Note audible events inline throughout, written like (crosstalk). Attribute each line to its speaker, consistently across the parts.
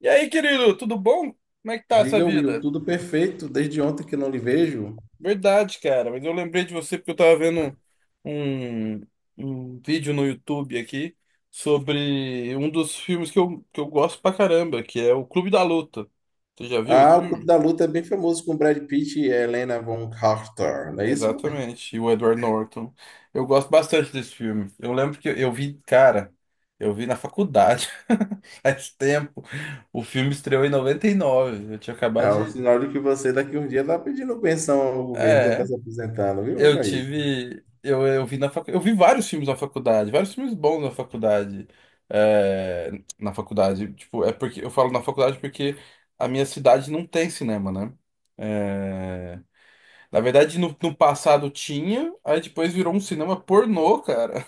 Speaker 1: E aí, querido, tudo bom? Como é que tá essa
Speaker 2: Diga, Will,
Speaker 1: vida?
Speaker 2: tudo perfeito, desde ontem que não lhe vejo.
Speaker 1: Verdade, cara, mas eu lembrei de você porque eu tava vendo um, um vídeo no YouTube aqui sobre um dos filmes que que eu gosto pra caramba, que é o Clube da Luta. Você já viu esse
Speaker 2: Ah, o Clube
Speaker 1: filme?
Speaker 2: da Luta é bem famoso com Brad Pitt e Helena Von Carter, não é isso?
Speaker 1: Exatamente, e o Edward Norton. Eu gosto bastante desse filme. Eu lembro que eu vi, cara, eu vi na faculdade, (laughs) faz tempo. O filme estreou em 99. Eu tinha acabado
Speaker 2: É o
Speaker 1: de.
Speaker 2: sinal de que você daqui a um dia está pedindo pensão ao governo, já está
Speaker 1: É.
Speaker 2: se aposentando, viu, meu
Speaker 1: Eu
Speaker 2: país?
Speaker 1: tive. Eu vi na Eu vi vários filmes na faculdade, vários filmes bons na faculdade. É, na faculdade, tipo, é porque eu falo na faculdade porque a minha cidade não tem cinema, né? É, na verdade, no passado tinha, aí depois virou um cinema pornô, cara.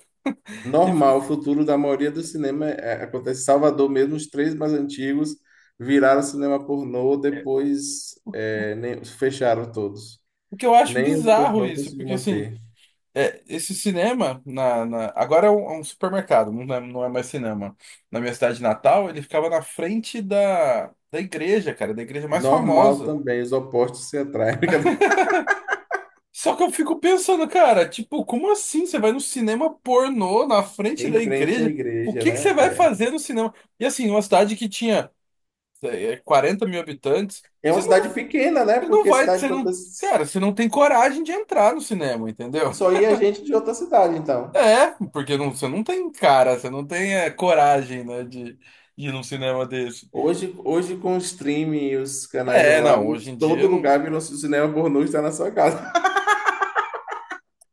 Speaker 1: (laughs) E,
Speaker 2: Normal, o futuro da maioria do cinema acontece em Salvador mesmo, os três mais antigos viraram cinema pornô, depois fecharam todos.
Speaker 1: o que eu acho
Speaker 2: Nem o
Speaker 1: bizarro
Speaker 2: pornô
Speaker 1: isso,
Speaker 2: conseguiu
Speaker 1: porque assim,
Speaker 2: manter.
Speaker 1: é, esse cinema, agora é um supermercado, não é mais cinema. Na minha cidade natal, ele ficava na frente da igreja, cara, da igreja mais
Speaker 2: Normal
Speaker 1: famosa.
Speaker 2: também, os opostos se atraem. (laughs)
Speaker 1: Só que eu fico pensando, cara, tipo, como assim você vai no cinema pornô na frente
Speaker 2: Em
Speaker 1: da
Speaker 2: frente à
Speaker 1: igreja? O
Speaker 2: igreja,
Speaker 1: que que você
Speaker 2: né?
Speaker 1: vai
Speaker 2: É.
Speaker 1: fazer no cinema? E assim, uma cidade que tinha 40 mil habitantes,
Speaker 2: É uma
Speaker 1: você
Speaker 2: cidade pequena, né?
Speaker 1: você não
Speaker 2: Porque
Speaker 1: vai, você não, cara, você não tem coragem de entrar no cinema, entendeu?
Speaker 2: só ia gente de outra cidade, então.
Speaker 1: É, porque você não tem cara, você não tem coragem, né, de ir num cinema desse.
Speaker 2: Hoje com o streaming e os canais
Speaker 1: É, não,
Speaker 2: online,
Speaker 1: hoje em
Speaker 2: todo
Speaker 1: dia não,
Speaker 2: lugar virou cinema pornô e está na sua casa.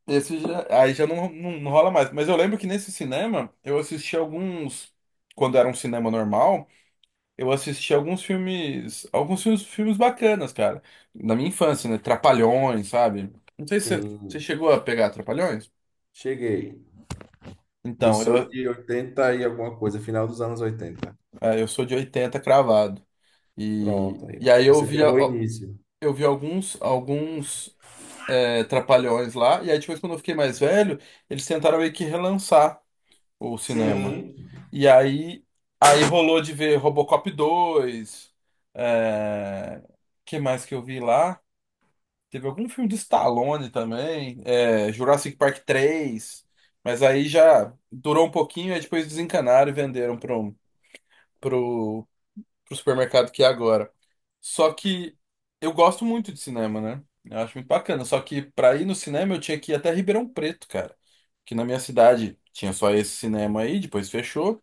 Speaker 1: esse já- aí já não, não, não rola mais. Mas eu lembro que nesse cinema eu assisti alguns, quando era um cinema normal, eu assisti alguns filmes, filmes bacanas, cara. Na minha infância, né? Trapalhões, sabe? Não sei
Speaker 2: (laughs)
Speaker 1: se você
Speaker 2: Sim,
Speaker 1: chegou a pegar Trapalhões.
Speaker 2: cheguei. Eu
Speaker 1: Então,
Speaker 2: sou
Speaker 1: eu,
Speaker 2: de 80 e alguma coisa, final dos anos 80.
Speaker 1: é, eu sou de 80 cravado.
Speaker 2: Pronto, aí,
Speaker 1: E
Speaker 2: ó.
Speaker 1: aí eu
Speaker 2: Você
Speaker 1: vi,
Speaker 2: pegou o início.
Speaker 1: eu vi alguns, alguns. É, Trapalhões lá. E aí depois, quando eu fiquei mais velho, eles tentaram meio que relançar o cinema.
Speaker 2: Sim.
Speaker 1: E aí, aí rolou de ver Robocop 2. É... que mais que eu vi lá? Teve algum filme de Stallone também. É, Jurassic Park 3. Mas aí já durou um pouquinho, aí depois desencanaram e venderam para um pro supermercado que é agora. Só que eu gosto muito de cinema, né? Eu acho muito bacana. Só que pra ir no cinema eu tinha que ir até Ribeirão Preto, cara. Que na minha cidade tinha só esse cinema aí, depois fechou.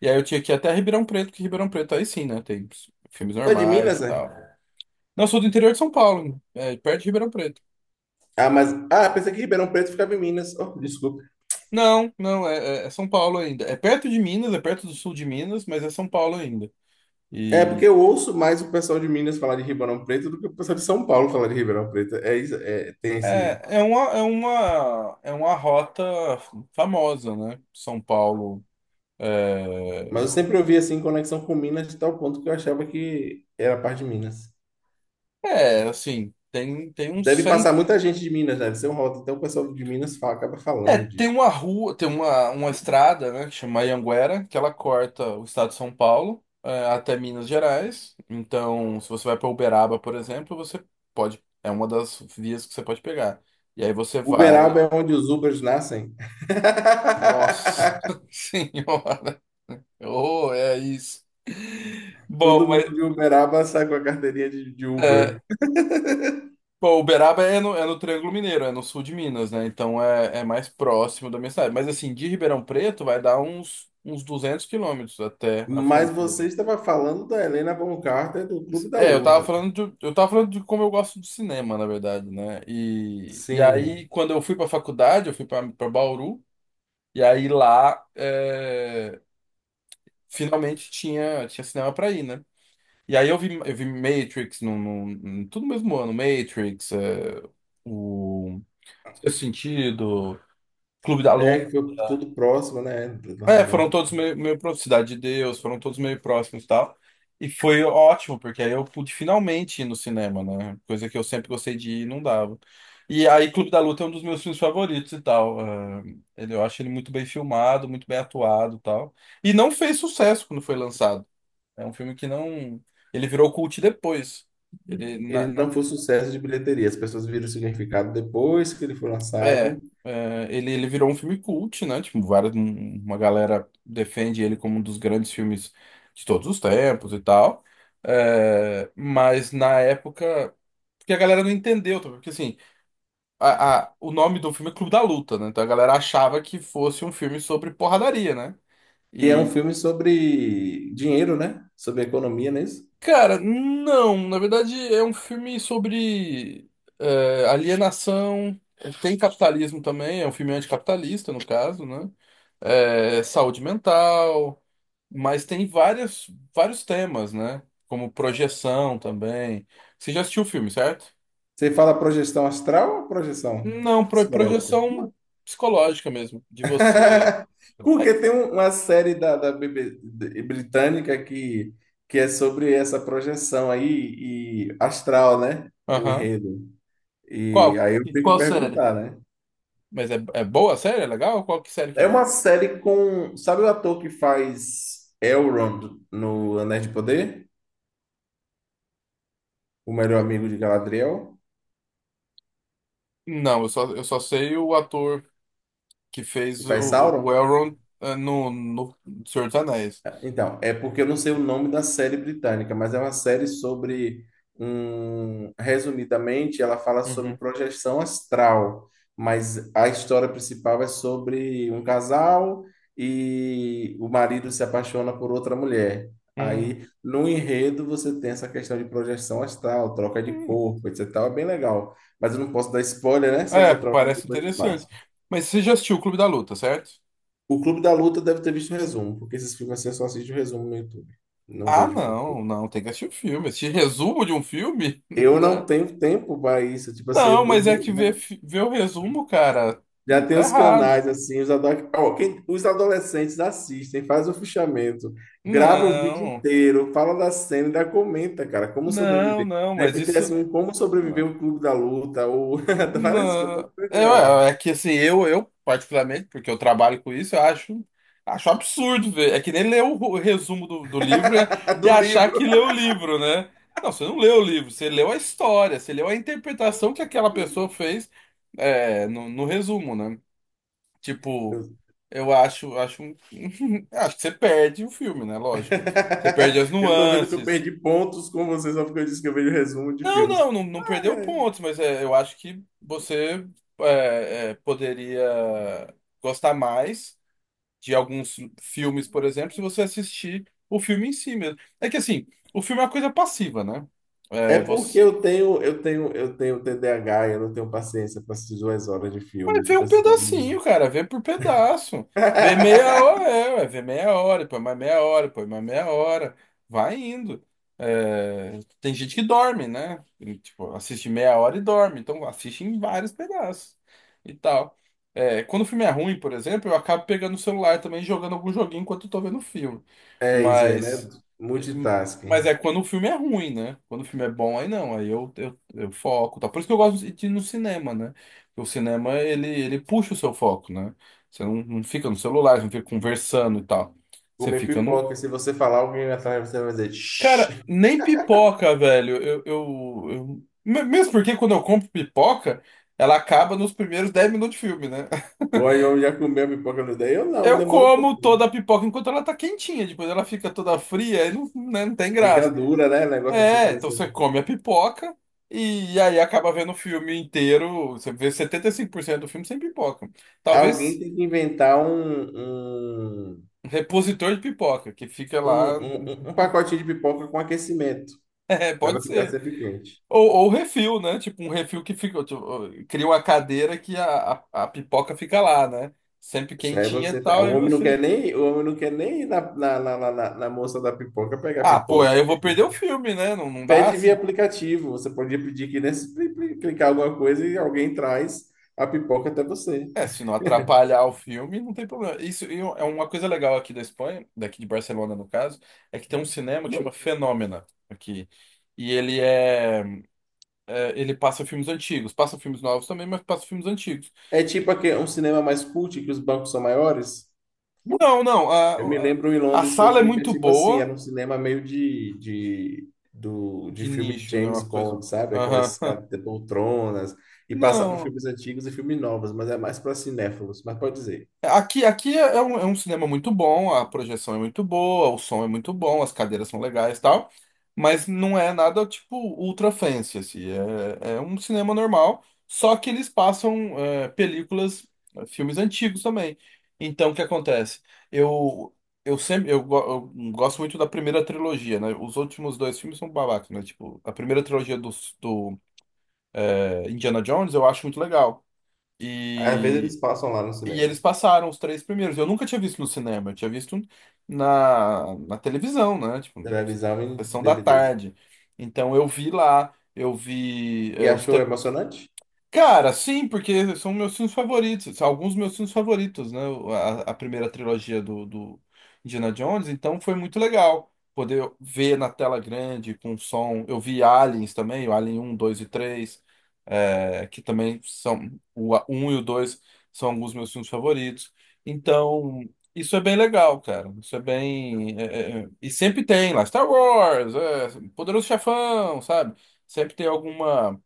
Speaker 1: E aí eu tinha que ir até Ribeirão Preto, que Ribeirão Preto aí sim, né? Tem filmes
Speaker 2: Tu é de
Speaker 1: normais
Speaker 2: Minas,
Speaker 1: e
Speaker 2: né?
Speaker 1: tal. Não, eu sou do interior de São Paulo, é, perto de Ribeirão Preto.
Speaker 2: Ah, pensei que Ribeirão Preto ficava em Minas. Oh, desculpa.
Speaker 1: Não, não, é São Paulo ainda. É perto de Minas, é perto do sul de Minas, mas é São Paulo ainda.
Speaker 2: É porque
Speaker 1: E
Speaker 2: eu ouço mais o pessoal de Minas falar de Ribeirão Preto do que o pessoal de São Paulo falar de Ribeirão Preto. É, tem esse.
Speaker 1: é, é uma rota famosa, né? São Paulo.
Speaker 2: Mas
Speaker 1: É,
Speaker 2: eu sempre ouvi assim conexão com Minas de tal ponto que eu achava que era parte de Minas.
Speaker 1: é, assim, tem uns
Speaker 2: Deve passar
Speaker 1: 100.
Speaker 2: muita gente de Minas, né? Deve ser um rota. Então o pessoal de Minas fala, acaba
Speaker 1: É,
Speaker 2: falando
Speaker 1: tem
Speaker 2: de.
Speaker 1: uma rua, uma estrada, né, que chama Anhanguera, que ela corta o estado de São Paulo, é, até Minas Gerais. Então, se você vai para Uberaba, por exemplo, você pode. É uma das vias que você pode pegar. E aí você vai.
Speaker 2: Uberaba é onde os Ubers nascem.
Speaker 1: Nossa
Speaker 2: (laughs)
Speaker 1: (laughs) Senhora! Oh, é isso. Bom,
Speaker 2: Todo mundo
Speaker 1: mas.
Speaker 2: de Uberaba sai com a carteirinha de
Speaker 1: é,
Speaker 2: Uber.
Speaker 1: Pô, Uberaba é é no Triângulo Mineiro, é no sul de Minas, né? Então é, é mais próximo da minha cidade. Mas assim, de Ribeirão Preto vai dar uns 200 km até a
Speaker 2: Mas você
Speaker 1: fronteira.
Speaker 2: estava falando da Helena Boncarter do Clube da
Speaker 1: É, eu tava
Speaker 2: Luta.
Speaker 1: falando de, eu tava falando de como eu gosto de cinema, na verdade, né? E aí,
Speaker 2: Sim.
Speaker 1: quando eu fui pra faculdade, eu fui pra Bauru, e aí lá é, finalmente tinha cinema pra ir, né? E aí eu vi Matrix, tudo no mesmo ano, Matrix, é, o Sexto Sentido, Clube da
Speaker 2: É,
Speaker 1: Luta.
Speaker 2: que foi tudo próximo, né, do
Speaker 1: É, foram
Speaker 2: lançamento.
Speaker 1: todos meio, meio próximos, Cidade de Deus, foram todos meio próximos e tal. E foi ótimo, porque aí eu pude finalmente ir no cinema, né? Coisa que eu sempre gostei de ir e não dava. E aí Clube da Luta é um dos meus filmes favoritos e tal. Ah, ele, eu acho ele muito bem filmado, muito bem atuado e tal. E não fez sucesso quando foi lançado. É um filme que não... Ele virou cult depois. Ele,
Speaker 2: Ele
Speaker 1: na,
Speaker 2: não foi um sucesso de bilheteria. As pessoas viram o significado depois que ele foi
Speaker 1: é,
Speaker 2: lançado.
Speaker 1: é, ele virou um filme cult, né? Tipo, várias, uma galera defende ele como um dos grandes filmes de todos os tempos e tal. É, mas na época, porque a galera não entendeu, tá? Porque assim, o nome do filme é Clube da Luta, né? Então a galera achava que fosse um filme sobre porradaria, né?
Speaker 2: E é um filme sobre dinheiro, né? Sobre economia, não é isso?
Speaker 1: Cara, não. Na verdade, é um filme sobre eh, alienação. Tem capitalismo também. É um filme anticapitalista, no caso, né? Eh, saúde mental. Mas tem vários, vários temas, né? Como projeção também. Você já assistiu o filme, certo?
Speaker 2: Você fala projeção astral ou projeção
Speaker 1: Não,
Speaker 2: psicológica?
Speaker 1: projeção psicológica mesmo. De você.
Speaker 2: (laughs)
Speaker 1: É,
Speaker 2: Porque tem uma série da BB britânica que é sobre essa projeção aí e astral, né? O
Speaker 1: aham.
Speaker 2: enredo. E
Speaker 1: Qual?
Speaker 2: aí eu
Speaker 1: E
Speaker 2: tenho que
Speaker 1: qual série?
Speaker 2: perguntar, né?
Speaker 1: Mas é, é boa a série? É legal? Qual que série que
Speaker 2: É
Speaker 1: é?
Speaker 2: uma série com. Sabe o ator que faz Elrond no Anéis de Poder? O melhor amigo de Galadriel?
Speaker 1: Não, eu só sei o ator que
Speaker 2: Que
Speaker 1: fez o,
Speaker 2: faz
Speaker 1: o
Speaker 2: Sauron?
Speaker 1: Elrond eh, no Senhor dos Anéis.
Speaker 2: Então, é porque eu não sei o nome da série britânica, mas é uma série sobre resumidamente, ela fala sobre
Speaker 1: Uhum.
Speaker 2: projeção astral, mas a história principal é sobre um casal e o marido se apaixona por outra mulher.
Speaker 1: Hum,
Speaker 2: Aí, no enredo, você tem essa questão de projeção astral, troca de
Speaker 1: hum.
Speaker 2: corpo, etc. e tal, é bem legal. Mas eu não posso dar spoiler, né? Se eu
Speaker 1: É,
Speaker 2: encontrar o filme,
Speaker 1: parece
Speaker 2: depois eu te
Speaker 1: interessante.
Speaker 2: passo.
Speaker 1: Mas você já assistiu o Clube da Luta, certo?
Speaker 2: O Clube da Luta deve ter visto o resumo, porque esses filmes assim eu só assisto o resumo no YouTube. Não
Speaker 1: Ah,
Speaker 2: vejo o filme.
Speaker 1: não, não, tem que assistir o filme. Assistir resumo de um filme? (laughs)
Speaker 2: Eu
Speaker 1: Né?
Speaker 2: não tenho tempo para isso. Tipo assim,
Speaker 1: Não, mas é que ver,
Speaker 2: já,
Speaker 1: ver o resumo, cara, não
Speaker 2: já tem
Speaker 1: tá
Speaker 2: os
Speaker 1: errado.
Speaker 2: canais assim, os adolescentes assistem, faz o fichamento, grava o vídeo
Speaker 1: Não,
Speaker 2: inteiro, fala da cena, ainda comenta, cara, como
Speaker 1: não,
Speaker 2: sobreviver.
Speaker 1: não, mas
Speaker 2: Deve ter
Speaker 1: isso.
Speaker 2: assim, um como sobreviver um clube da luta, ou (laughs) várias coisas, pode
Speaker 1: Não,
Speaker 2: procurar
Speaker 1: é, é que assim, eu particularmente, porque eu trabalho com isso, eu acho, acho absurdo ver. É que nem ler o resumo do livro
Speaker 2: lá. (laughs)
Speaker 1: e
Speaker 2: Do
Speaker 1: achar
Speaker 2: livro.
Speaker 1: que leu o livro, né? Não, você não leu o livro, você leu a história, você leu a interpretação que aquela pessoa fez é, no resumo, né? Tipo,
Speaker 2: Eu
Speaker 1: eu acho, acho, (laughs) acho que você perde o filme, né? Lógico. Você perde as
Speaker 2: (laughs) eu tô vendo que eu
Speaker 1: nuances.
Speaker 2: perdi pontos com vocês só porque eu disse que eu vejo resumo de
Speaker 1: Não,
Speaker 2: filmes.
Speaker 1: não, não, não
Speaker 2: Ah,
Speaker 1: perdeu
Speaker 2: é.
Speaker 1: pontos, mas é, eu acho que você é, é, poderia gostar mais de alguns filmes, por exemplo, se você assistir o filme em si mesmo. É que assim, o filme é uma coisa passiva, né?
Speaker 2: É
Speaker 1: É,
Speaker 2: porque eu tenho TDAH, eu não tenho paciência para assistir 2 horas de filme,
Speaker 1: mas vê
Speaker 2: tipo
Speaker 1: um
Speaker 2: assim. Eu não-
Speaker 1: pedacinho, cara, vê por pedaço. Vê meia hora,
Speaker 2: (laughs)
Speaker 1: é, ué, vê meia hora, põe mais meia hora, põe mais meia hora. Vai indo. É, tem gente que dorme, né? E, tipo, assiste meia hora e dorme. Então assiste em vários pedaços e tal. É, quando o filme é ruim, por exemplo, eu acabo pegando o celular também e jogando algum joguinho enquanto eu tô vendo o filme.
Speaker 2: É isso aí, né?
Speaker 1: Mas. Mas
Speaker 2: Multitasking.
Speaker 1: é quando o filme é ruim, né? Quando o filme é bom, aí não, aí eu foco, tá? Por isso que eu gosto de ir no cinema, né? Porque o cinema, ele puxa o seu foco, né? Você não fica no celular, você não fica conversando e tal. Você
Speaker 2: Comer
Speaker 1: fica no...
Speaker 2: pipoca, se você falar, alguém atrás de você vai dizer, shh.
Speaker 1: Cara, nem pipoca, velho. Mesmo porque quando eu compro pipoca, ela acaba nos primeiros 10 minutos de filme, né? (laughs)
Speaker 2: Ou aí eu já comeu a pipoca no dia? Eu não,
Speaker 1: Eu
Speaker 2: demora um
Speaker 1: como
Speaker 2: pouquinho.
Speaker 1: toda a pipoca enquanto ela tá quentinha, depois ela fica toda fria e não, né, não tem
Speaker 2: Fica
Speaker 1: graça.
Speaker 2: dura, né? Negócio assim,
Speaker 1: É, então você
Speaker 2: parecendo.
Speaker 1: come a pipoca e aí acaba vendo o filme inteiro. Você vê 75% do filme sem pipoca.
Speaker 2: Alguém
Speaker 1: Talvez
Speaker 2: tem que inventar um,
Speaker 1: repositor de pipoca, que fica
Speaker 2: um,
Speaker 1: lá. (laughs)
Speaker 2: um, um um pacotinho de pipoca com aquecimento,
Speaker 1: É,
Speaker 2: para ela
Speaker 1: pode
Speaker 2: ficar
Speaker 1: ser.
Speaker 2: sempre quente.
Speaker 1: Ou refil, né? Tipo, um refil que fica. Tipo, cria uma cadeira que a pipoca fica lá, né? Sempre
Speaker 2: Só é
Speaker 1: quentinha e
Speaker 2: você. O
Speaker 1: tal, aí
Speaker 2: homem não
Speaker 1: você.
Speaker 2: quer nem, o homem não quer nem ir na moça da pipoca pegar
Speaker 1: Ah, pô,
Speaker 2: pipoca.
Speaker 1: aí eu
Speaker 2: Que é
Speaker 1: vou perder
Speaker 2: isso.
Speaker 1: o filme, né? Não, não dá.
Speaker 2: Pede via
Speaker 1: Assim,
Speaker 2: aplicativo. Você podia pedir que nesse clicar alguma coisa e alguém traz a pipoca até você.
Speaker 1: é, se não atrapalhar o filme, não tem problema. Isso e um, é uma coisa legal aqui da Espanha, daqui de Barcelona no caso, é que tem um cinema que chama Fenômena aqui. E ele é, é, ele passa filmes antigos, passa filmes novos também, mas passa filmes antigos.
Speaker 2: É tipo
Speaker 1: E-
Speaker 2: aqui, um cinema mais cult, que os bancos são maiores.
Speaker 1: Não, não,
Speaker 2: Eu me lembro em
Speaker 1: a
Speaker 2: Londres que eu
Speaker 1: sala é
Speaker 2: fui que é
Speaker 1: muito
Speaker 2: tipo assim,
Speaker 1: boa
Speaker 2: era um cinema meio de
Speaker 1: de
Speaker 2: filme de
Speaker 1: nicho, né? Uma
Speaker 2: James
Speaker 1: coisa.
Speaker 2: Bond, sabe? Aquelas
Speaker 1: Aham. (laughs)
Speaker 2: escadas de poltronas, e passava
Speaker 1: Não.
Speaker 2: filmes antigos e filmes novos, mas é mais para cinéfilos, mas pode dizer.
Speaker 1: Aqui, aqui é um, é um cinema muito bom, a projeção é muito boa, o som é muito bom, as cadeiras são legais e tal, mas não é nada tipo ultra fancy, assim, é, é um cinema normal, só que eles passam é, películas, é, filmes antigos também. Então, o que acontece? Eu, eu gosto muito da primeira trilogia, né? Os últimos dois filmes são babacas, né? Tipo, a primeira trilogia do é, Indiana Jones eu acho muito legal.
Speaker 2: Às vezes
Speaker 1: E
Speaker 2: eles passam lá no
Speaker 1: e
Speaker 2: cinema,
Speaker 1: eles passaram os três primeiros. Eu nunca tinha visto no cinema, eu tinha visto na televisão, né? Tipo,
Speaker 2: televisão e
Speaker 1: sessão da
Speaker 2: DVD.
Speaker 1: tarde. Então eu vi lá, eu vi
Speaker 2: E
Speaker 1: é, os,
Speaker 2: achou
Speaker 1: te-
Speaker 2: emocionante?
Speaker 1: Cara, sim, porque são meus filmes favoritos, são alguns meus filmes favoritos, né? A primeira trilogia do Indiana Jones, então foi muito legal poder ver na tela grande, com som. Eu vi Aliens também, o Alien 1, 2 e 3 é, que também são. O um e o 2 são alguns meus filmes favoritos. Então, isso é bem legal, cara. Isso é bem. É, é, é, e sempre tem lá, Star Wars, é, Poderoso Chefão, sabe? Sempre tem alguma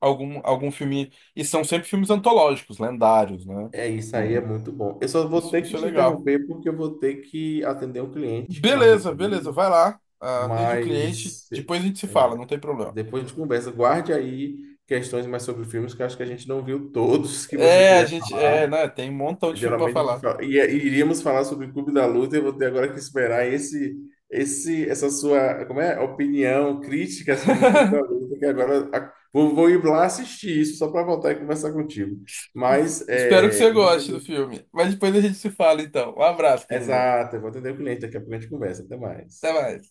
Speaker 1: algum, algum filme. E são sempre filmes antológicos, lendários, né?
Speaker 2: É isso aí, é
Speaker 1: Não-
Speaker 2: muito bom. Eu só vou
Speaker 1: isso,
Speaker 2: ter que
Speaker 1: isso é
Speaker 2: te
Speaker 1: legal.
Speaker 2: interromper porque eu vou ter que atender um cliente que marcou
Speaker 1: Beleza, beleza,
Speaker 2: comigo,
Speaker 1: vai lá. Ah, atende o cliente,
Speaker 2: mas
Speaker 1: depois a gente se fala, não tem problema.
Speaker 2: depois a gente conversa. Guarde aí questões mais sobre filmes que eu acho que a gente não viu todos que você
Speaker 1: É, a
Speaker 2: queria
Speaker 1: gente. É,
Speaker 2: falar.
Speaker 1: né? Tem um montão de filme pra
Speaker 2: Geralmente a gente
Speaker 1: falar.
Speaker 2: fala, e iríamos falar sobre o Clube da Luta, eu vou ter agora que esperar essa sua, como é, opinião crítica sobre o Clube da
Speaker 1: (laughs)
Speaker 2: Luta, que agora vou ir lá assistir isso só para voltar e conversar contigo. Mas
Speaker 1: Espero que
Speaker 2: é,
Speaker 1: você
Speaker 2: eu vou
Speaker 1: goste do
Speaker 2: atender.
Speaker 1: filme. Mas depois a gente se fala, então. Um abraço, querido.
Speaker 2: Exato, eu vou atender o cliente, daqui a pouco a gente conversa. Até mais.
Speaker 1: Até mais.